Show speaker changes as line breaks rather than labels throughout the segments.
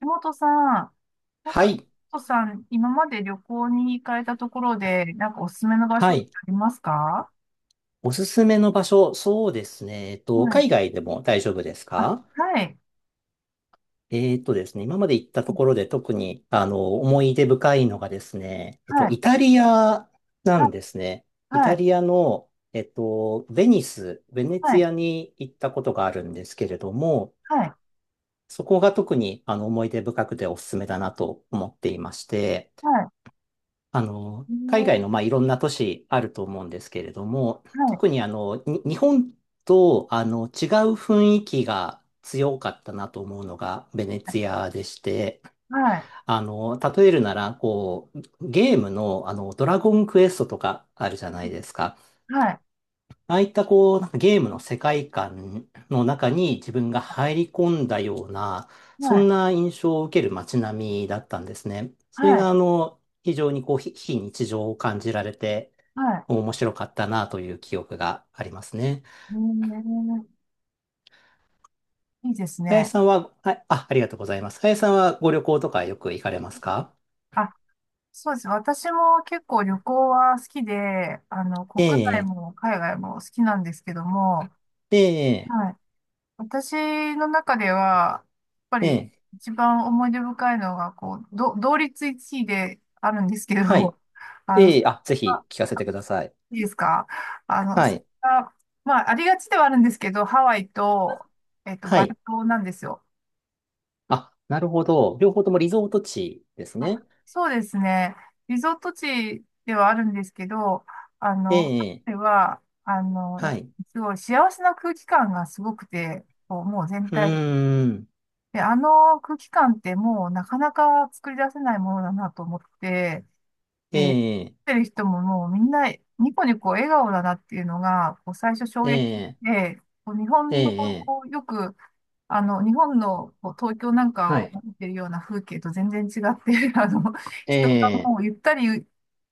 橋本さん、
はい。
橋本さん、今まで旅行に行かれたところで、なんかおすすめの場所
は
って
い。
ありますか？
おすすめの場所、そうですね。
はい。
海外でも大丈夫です
あ、
か？
はい。
えっとですね、今まで行ったところで特に、思い出深いのがですね、
はい。
イタリアなんですね。イ
は
タ
い。
リアの、ベニス、ベネ
は
ツ
い。はい。
ィアに行ったことがあるんですけれども、
はい。
そこが特に、思い出深くておすすめだなと思っていまして、
は
あの、
い。
海外の、まあ、いろんな都市あると思うんですけれども、
はい。
特にあの、日本とあの違う雰囲気が強かったなと思うのがベネツィアでして、
はい。
あの、例えるなら、こう、ゲームのあの、ドラゴンクエストとかあるじゃないですか。
はい。
ああいったこう、なんかゲームの世界観の中に自分が入り込んだような、そ
は
ん
い。
な印象を受ける街並みだったんですね。それ
はい。
があの、非常にこう、非日常を感じられて、
はい。
面白かったなという記憶がありますね。
えーいいです
林
ね。
さんは、ありがとうございます。林さんはご旅行とかよく行かれますか？
あ、そうです。私も結構旅行は好きで、
え
国内
え、
も海外も好きなんですけども、
ええ、
はい。私の中では、やっぱ
え
り
え、
一番思い出深いのが、こう、同率一位であるんですけど、
はい。
あの、
ええ、あ、ぜ
あ、
ひ聞かせてください。
いいですか？
は
それ
い。
が、まあ、ありがちではあるんですけど、ハワイと、
は
バリ
い。
島なんですよ。
あ、なるほど。両方ともリゾート地です
あ、
ね。
そうですね。リゾート地ではあるんですけど、あ
え
の、ハ
え、
ワイは、やっ
は
ぱ
い。
すごい幸せな空気感がすごくて、こうもう全
う
体
ーん、
で、あの空気感ってもうなかなか作り出せないものだなと思って、
え
で、見
え、
てる人ももうみんなニコニコ笑顔だなっていうのが、こう最初衝
え
撃
え、
で、こう日
え
本の、
え、
こうよく、日本のこう東京なん
は
かを
い。
見てるような風景と全然違って、
え
人が
え、
もうゆったり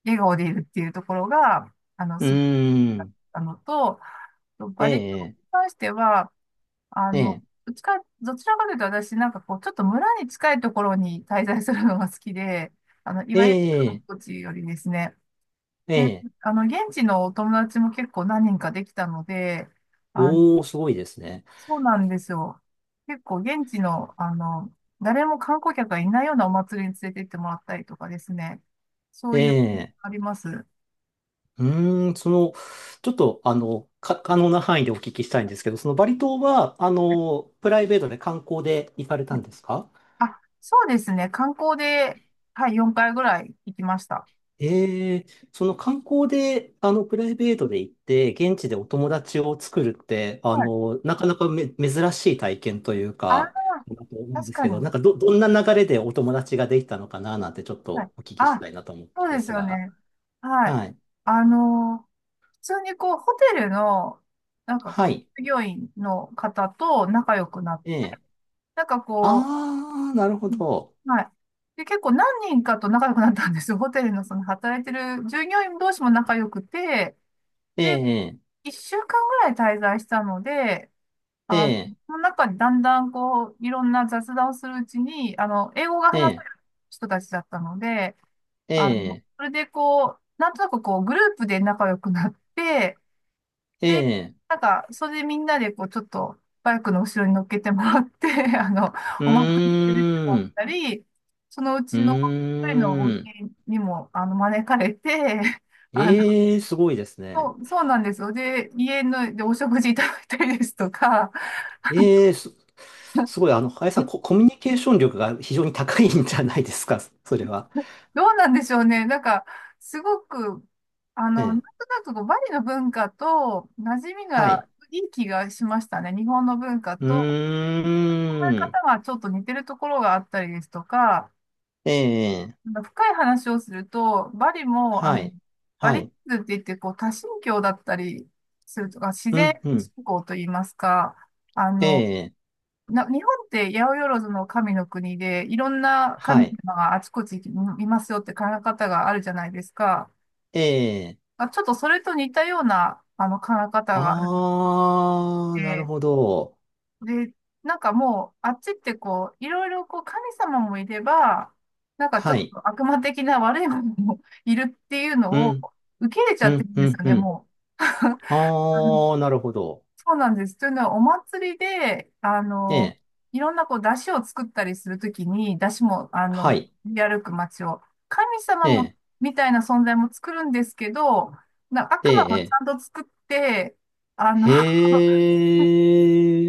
笑顔でいるっていうところが、あの、
うー
す、
ん、
あのと、
え
バリ島に
え、
関しては、あ
え
の、
え、
どちらかというと私、なんかこう、ちょっと村に近いところに滞在するのが好きで、い
え
わゆる観
え、
光地よりですね。
え
で、
え、
現地のお友達も結構何人かできたので、あの、
おー、すごいですね。
そうなんですよ。結構現地の、誰も観光客がいないようなお祭りに連れて行ってもらったりとかですね。そ
え
ういう、
え、
あります。
うーん、その、ちょっと、あの、可能な範囲でお聞きしたいんですけど、そのバリ島は、あの、プライベートで観光で行かれたんですか？
あ、そうですね。観光で、はい、4回ぐらい行きました。
ええ、その観光で、あの、プライベートで行って、現地でお友達を作るって、あ
はい。
の、なかなかめ、珍しい体験という
あ、
か、だと思うんで
確
す
か
けど、
に。
どんな流れでお友達ができたのかな、なんてちょっ
はい。
とお聞きし
あ、
たいなと思った
そ
ん
う
で
です
す
よ
が。
ね。はい。
はい。
普通にこう、ホテルの、なんかこ
は
う、
い。
従業員の方と仲良くなっ
え
て、
え。
なんかこ
ああ、なるほ
う、うん、
ど。
はい。で、結構何人かと仲良くなったんですよ。ホテルのその働いてる従業員同士も仲良くて、
え
で、
え、
1週間ぐらい滞在したので、
え
あの、
え、
その中にだんだんこう、いろんな雑談をするうちに、英語が
え
話せ
え、
る人たちだったので、
ええ、
それでこう、なんとなくこう、グループで仲良くなって、
え
で、
え、
なんか、それでみんなでこう、ちょっと、バイクの後ろに乗っけてもらって、あの、
う
お祭りに出ても
ー
らっ
ん、
たり、そのう
う
ちの一人のお
ー
家
ん。
にも、招かれて、あの、
ええ、すごいです
そ
ね。
う、そうなんですよ。で、家の、で、お食事いただいたりですとか、
ええす、すごい、あの、林さん、コミュニケーション力が非常に高いんじゃないですか、それは。
どうなんでしょうね。なんか、すごく、
え
なん
え、
となくこうバリの文化と馴染み
はい。
がいい気がしましたね。日本の文化
う
と、考え
ーん。
方がちょっと似てるところがあったりですとか、
ええ、
なんか深い話をすると、バリも、
はい。
バ
は
リッ
い。
ズって言って、こう、多神教だったりするとか、自
う
然
ん、うん。
信仰といいますか、あ
え
の、
え、
日本って八百万の神の国で、いろんな
は
神
い。
様があちこちにいますよって考え方があるじゃないですか。
ええ、
あ、ちょっとそれと似たような、考え方があるの
あー、なる
で、
ほど。
で、なんかもう、あっちってこう、いろいろこう、神様もいれば、なんかちょ
は
っと
い。
悪魔的な悪いものも いるっていう
う
のを
ん、
受け入れち
う
ゃって
ん、
るん
う
です
ん、
よ
う
ね、
ん。
も
あ
う。う
ー、
ん、
なるほど。
そうなんです。というのは、お祭りで、
ええ、
いろんなこう、出汁を作ったりするときに、出汁も、
はい。
練り歩く街を、神様も、
え
みたいな存在も作るんですけど、な
え、
悪魔
え
もち
え、
ゃんと作って、あ
へ
の、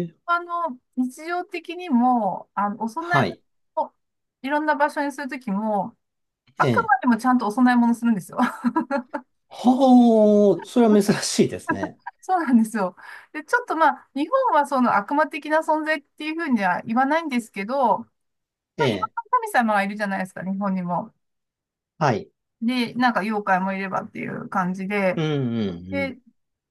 ー。
日常的にも、お供え
は
物
い。
をいろんな場所にするときも、あ
え
く
え、
までもちゃんとお供え物するんですよ。
ほう、それは珍しいですね。
そうなんですよ。で、ちょっとまあ、日本はその悪魔的な存在っていうふうには言わないんですけど、ま
え
あ、いろんな
え、
神様がいるじゃないですか、日本にも。
はい。
で、なんか妖怪もいればっていう感じで、
うん、うん、うん。
で、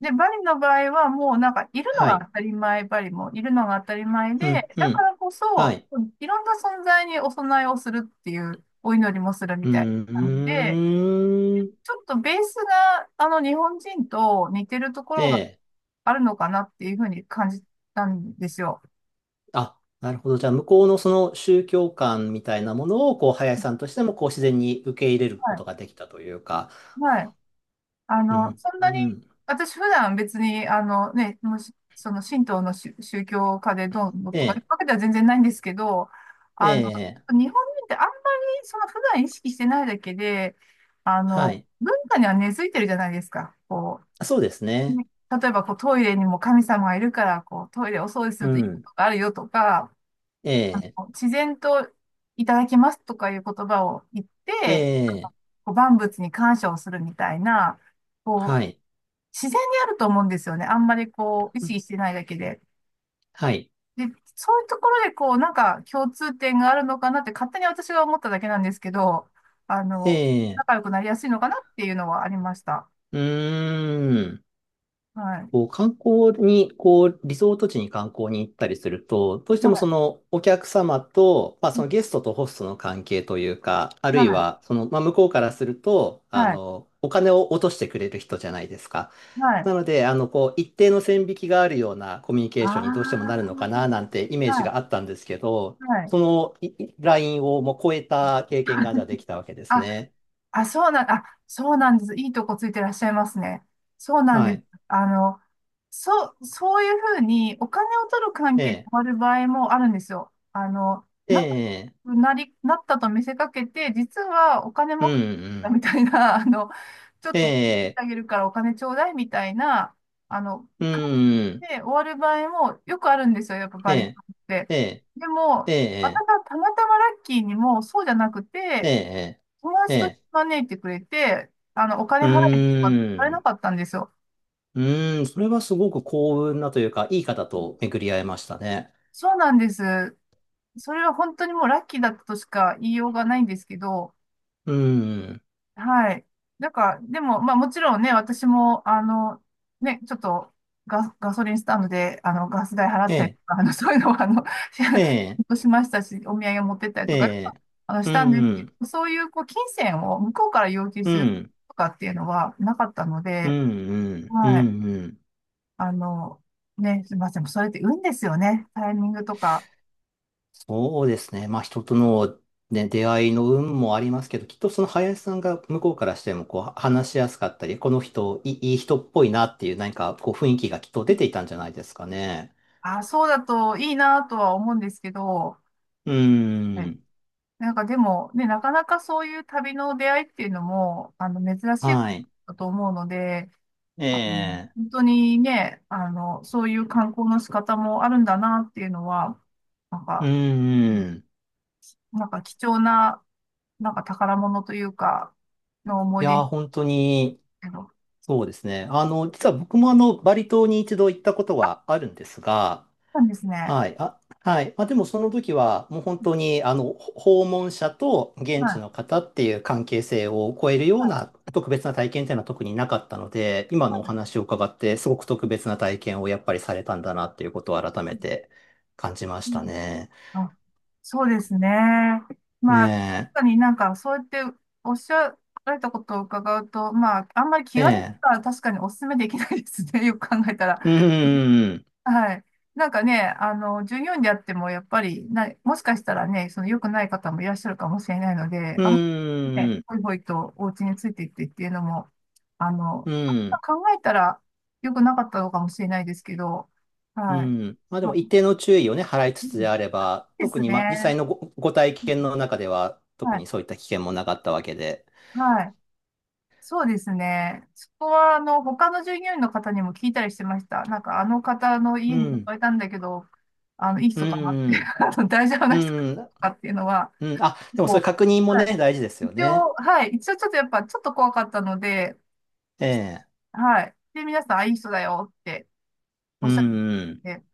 で、バリの場合はもうなんかいるの
は
が
い。
当たり前、バリもいるのが当たり前
う
で、
ん、う
だか
ん。
らこ
は
そ、
い。
いろんな存在にお供えをするっていう、お祈りもするみ
う
たいな感じで、
ーん。
ちょっとベースがあの日本人と似てるとこ
え
ろが
え。
あるのかなっていうふうに感じたんですよ。
あ、なるほど。じゃあ、向こうのその宗教観みたいなものを、こう、林さんとしても、こう、自然に受け入れる
は
こ
い。
とができたというか。
はい。
うん、
そんなに、
うん。
私普段別に、もしその神道の宗教家でどうの
え
とかい
え、
うわけでは全然ないんですけど、
ええ、
日本人ってあんまりその普段意識してないだけで、
はい。
文化には根付いてるじゃないですか。こ
あ、そうです
う、
ね。
ね、例えばこうトイレにも神様がいるから、こうトイレお掃除す
う
るといいこ
ん。
とがあるよとか、
ええ、
自然といただきますとかいう言葉を言っ
え
て、
え、
こう万物に感謝をするみたいな、こう、
はい。
自然にあると思うんですよね。あんまりこう、意
うん、
識してないだけで。
はい。
で、そういうところでこう、なんか共通点があるのかなって勝手に私が思っただけなんですけど、あ
え
の、
え、
仲良くなりやすいのかなっていうのはありました。
うーん。
はい。
こう観光に、こう、リゾート地に観光に行ったりすると、どうして
は
もそ
い。
のお客様と、まあ
う
そ
ん、
のゲストとホストの関係というか、あるい
は
はその、まあ向こうからすると、
い。
あ
はい。
の、お金を落としてくれる人じゃないですか。
はい。
なので、あの、こう、一定の線引きがあるようなコミュニケ
あ
ー
あ。
ションにどうしてもなるのかな、なんてイメージ
はい。
があったんですけど、
はい。
そのいいラインをもう超えた経験がじゃあできたわ けです
あ
ね。
あ、そうなん、あ、そうなんです。いいとこついてらっしゃいますね。そうなん
は
です。
い。
あの、そういうふうにお金を取る関
え
係に終
え、
わる場合もあるんですよ。
え
仲
え、
良くなり、なったと見せかけて、実はお金
うん、
も
う
だ
ん。
みたいな、ちょっ
え
と手伝っ
え、
てあげるからお金ちょうだいみたいな、
うん、
感
うん。
じで終わる場合もよくあるんですよ。やっぱ
え
バリカ
え、
ンって。
ええ、
でも、
え
私
え、
はたまたまラッキーにもそうじゃなく
え
て、
え、
友
え
達と
え、
招いてくれて、お金
う
払えとか言われ
ー
な
ん。
かったんですよ。
うーん、それはすごく幸運なというか、いい方と巡り合えましたね。
そうなんです。それは本当にもうラッキーだったとしか言いようがないんですけど、
うーん、
はい。なんか、でも、まあもちろんね、私も、ちょっとガソリンスタンドで、ガス代払
え
ったりと
え、
か、そういうのは、
ええ、
しましたし、お土産持ってったり
え
とか、
え、
し
う
たんですけ
ん、
ど、そういう、こう、金銭を向こうから要求
う
する
ん、
とかっていうのはなかったの
うん、
で、
うん、う
はい。
ん、うん。
あの、ね、すみません。それって運ですよね。タイミングとか。
そうですね。まあ、人との、ね、出会いの運もありますけど、きっとその林さんが向こうからしても、こう、話しやすかったり、この人、い人っぽいなっていう、何か、こう、雰囲気がきっと出ていたんじゃないですかね。
あ、そうだといいなとは思うんですけど、
う
は
ー
い。
ん。
なんかでも、ね、なかなかそういう旅の出会いっていうのも、珍しいこ
は
と
い。
だと思うので、
ええ。
本当にね、そういう観光の仕方もあるんだなっていうのは、なん
う
か、う
ん、
ん、
うん。
なんか貴重な、なんか宝物というか、の思
い
い出
やー、
です
本当に、
けど、そ
そうですね。あの、実は僕もあの、バリ島に一度行ったことはあるんですが、
うなんですね。
はい。あ、はい。まあ、でもその時は、もう本当に、あの、訪問者と
は
現地の
い。
方っていう関係性を超えるよう
はい。
な特別な体験っていうのは特になかったので、今のお話を伺って、すごく特
う
別な体験をやっぱりされたんだなっていうことを改め
ん、
て感じまし
う
た
ん。
ね。
あ、そうですね。
ね
まあ、確かになんか、そうやっておっしゃられたことを伺うと、まあ、あんまり気
え。え
軽に
え。
は確かにお勧めできないですね。よく考えたら。
うん、うん、うん。
はい。なんかね、従業員であっても、やっぱりな、もしかしたらね、その良くない方もいらっしゃるかもしれないので、
う
あんまりね、
ーん、
ほいほいとお家についていってっていうのも、あの、
うん、
考えたら良くなかったのかもしれないですけど、
う
はい。
ん。まあで
ま
も
あ、
一定の注意をね、払い
う
つ
ん、い
つであれば、
いで
特
す
に、ま、実際
ね。
のご、ご体
うん、
験の中では、
は
特
い、
にそういった危険もなかったわけで。
はい。そうですね。そこは、他の従業員の方にも聞いたりしてました。なんか、あの方の
う
家に
ん、
誘えたんだけど、いい
う
人かなって、
ん、
大丈夫
う
な人か
ん、
なっていうのは、
うん。あ、でもそれ
も
確認
う、
も
は
ね、
い。
大事ですよ
一
ね。
応、はい。一応、ちょっと怖かったので、
ええ、
はい。で、皆さん、あ、いい人だよってお
う
っ
ん、
しゃって
うん、
て、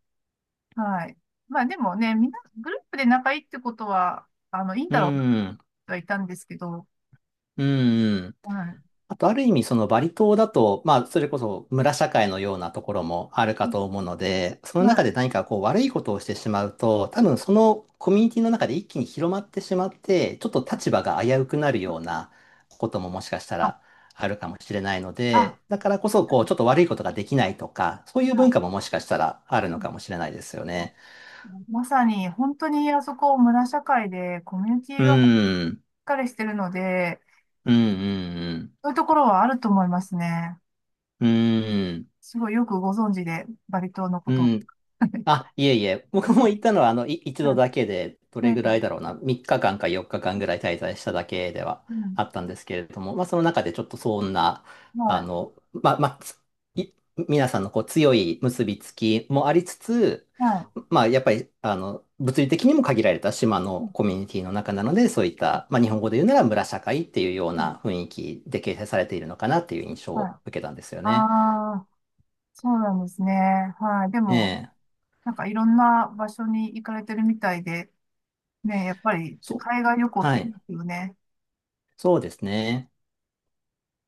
はい。まあ、でもね、みんな、グループで仲いいってことは、いいん
う
だろうなっ
ん、
てはいたんですけど、
うん。
はい。
あと、ある意味、そのバリ島だと、まあ、それこそ村社会のようなところもある
う
か
ん、
と思うので、その
は
中
い。
で何かこう悪いことをしてしまうと、多分そのコミュニティの中で一気に広まってしまって、ちょっ
は
と立
い。
場が危うくなるようなことももしかした
あ、
らあるかもしれないの
あ、
で、だからこそ、こう、ちょっと悪いことができないとか、そうい
ま
う文
あ、
化ももしかしたらある
う
の
ん、
かもしれないですよね。
まさに、本当にあそこ、村社会で、コミュニテ
う
ィ
ー
がしっ
ん、
かりしてるので、
うん、うん、
そういうところはあると思いますね。
うん、うーん。
すごいよくご存知で、バリ島のこ
う
とを。
ん。あ、いえいえ、僕
は
も行ったのは、あの、一
い、
度だけで、どれ
ね、
ぐらいだろうな、3日間か4日間ぐらい滞在しただけでは
うん、
あったんですけれども、まあ、その中でちょっとそんな、あ
は
の、まあ、まあ、い皆さんのこう強い結びつきもありつつ、
い、は
まあ、やっぱり、あの、物理的にも限られた島
い、う
の
ん、
コミュニティの中なので、そういった、まあ、日本語で言うなら村社会っていうよう
うん、
な雰囲気で形成されているのかなっていう印象
はい。
を受けたんですよ
あ
ね。
あ、そうなんですね。はい。で
え
も、
え。
なんかいろんな場所に行かれてるみたいで、ね、やっぱり
そう。
海外旅行っ
は
ていい
い。
ですよね。
そうですね。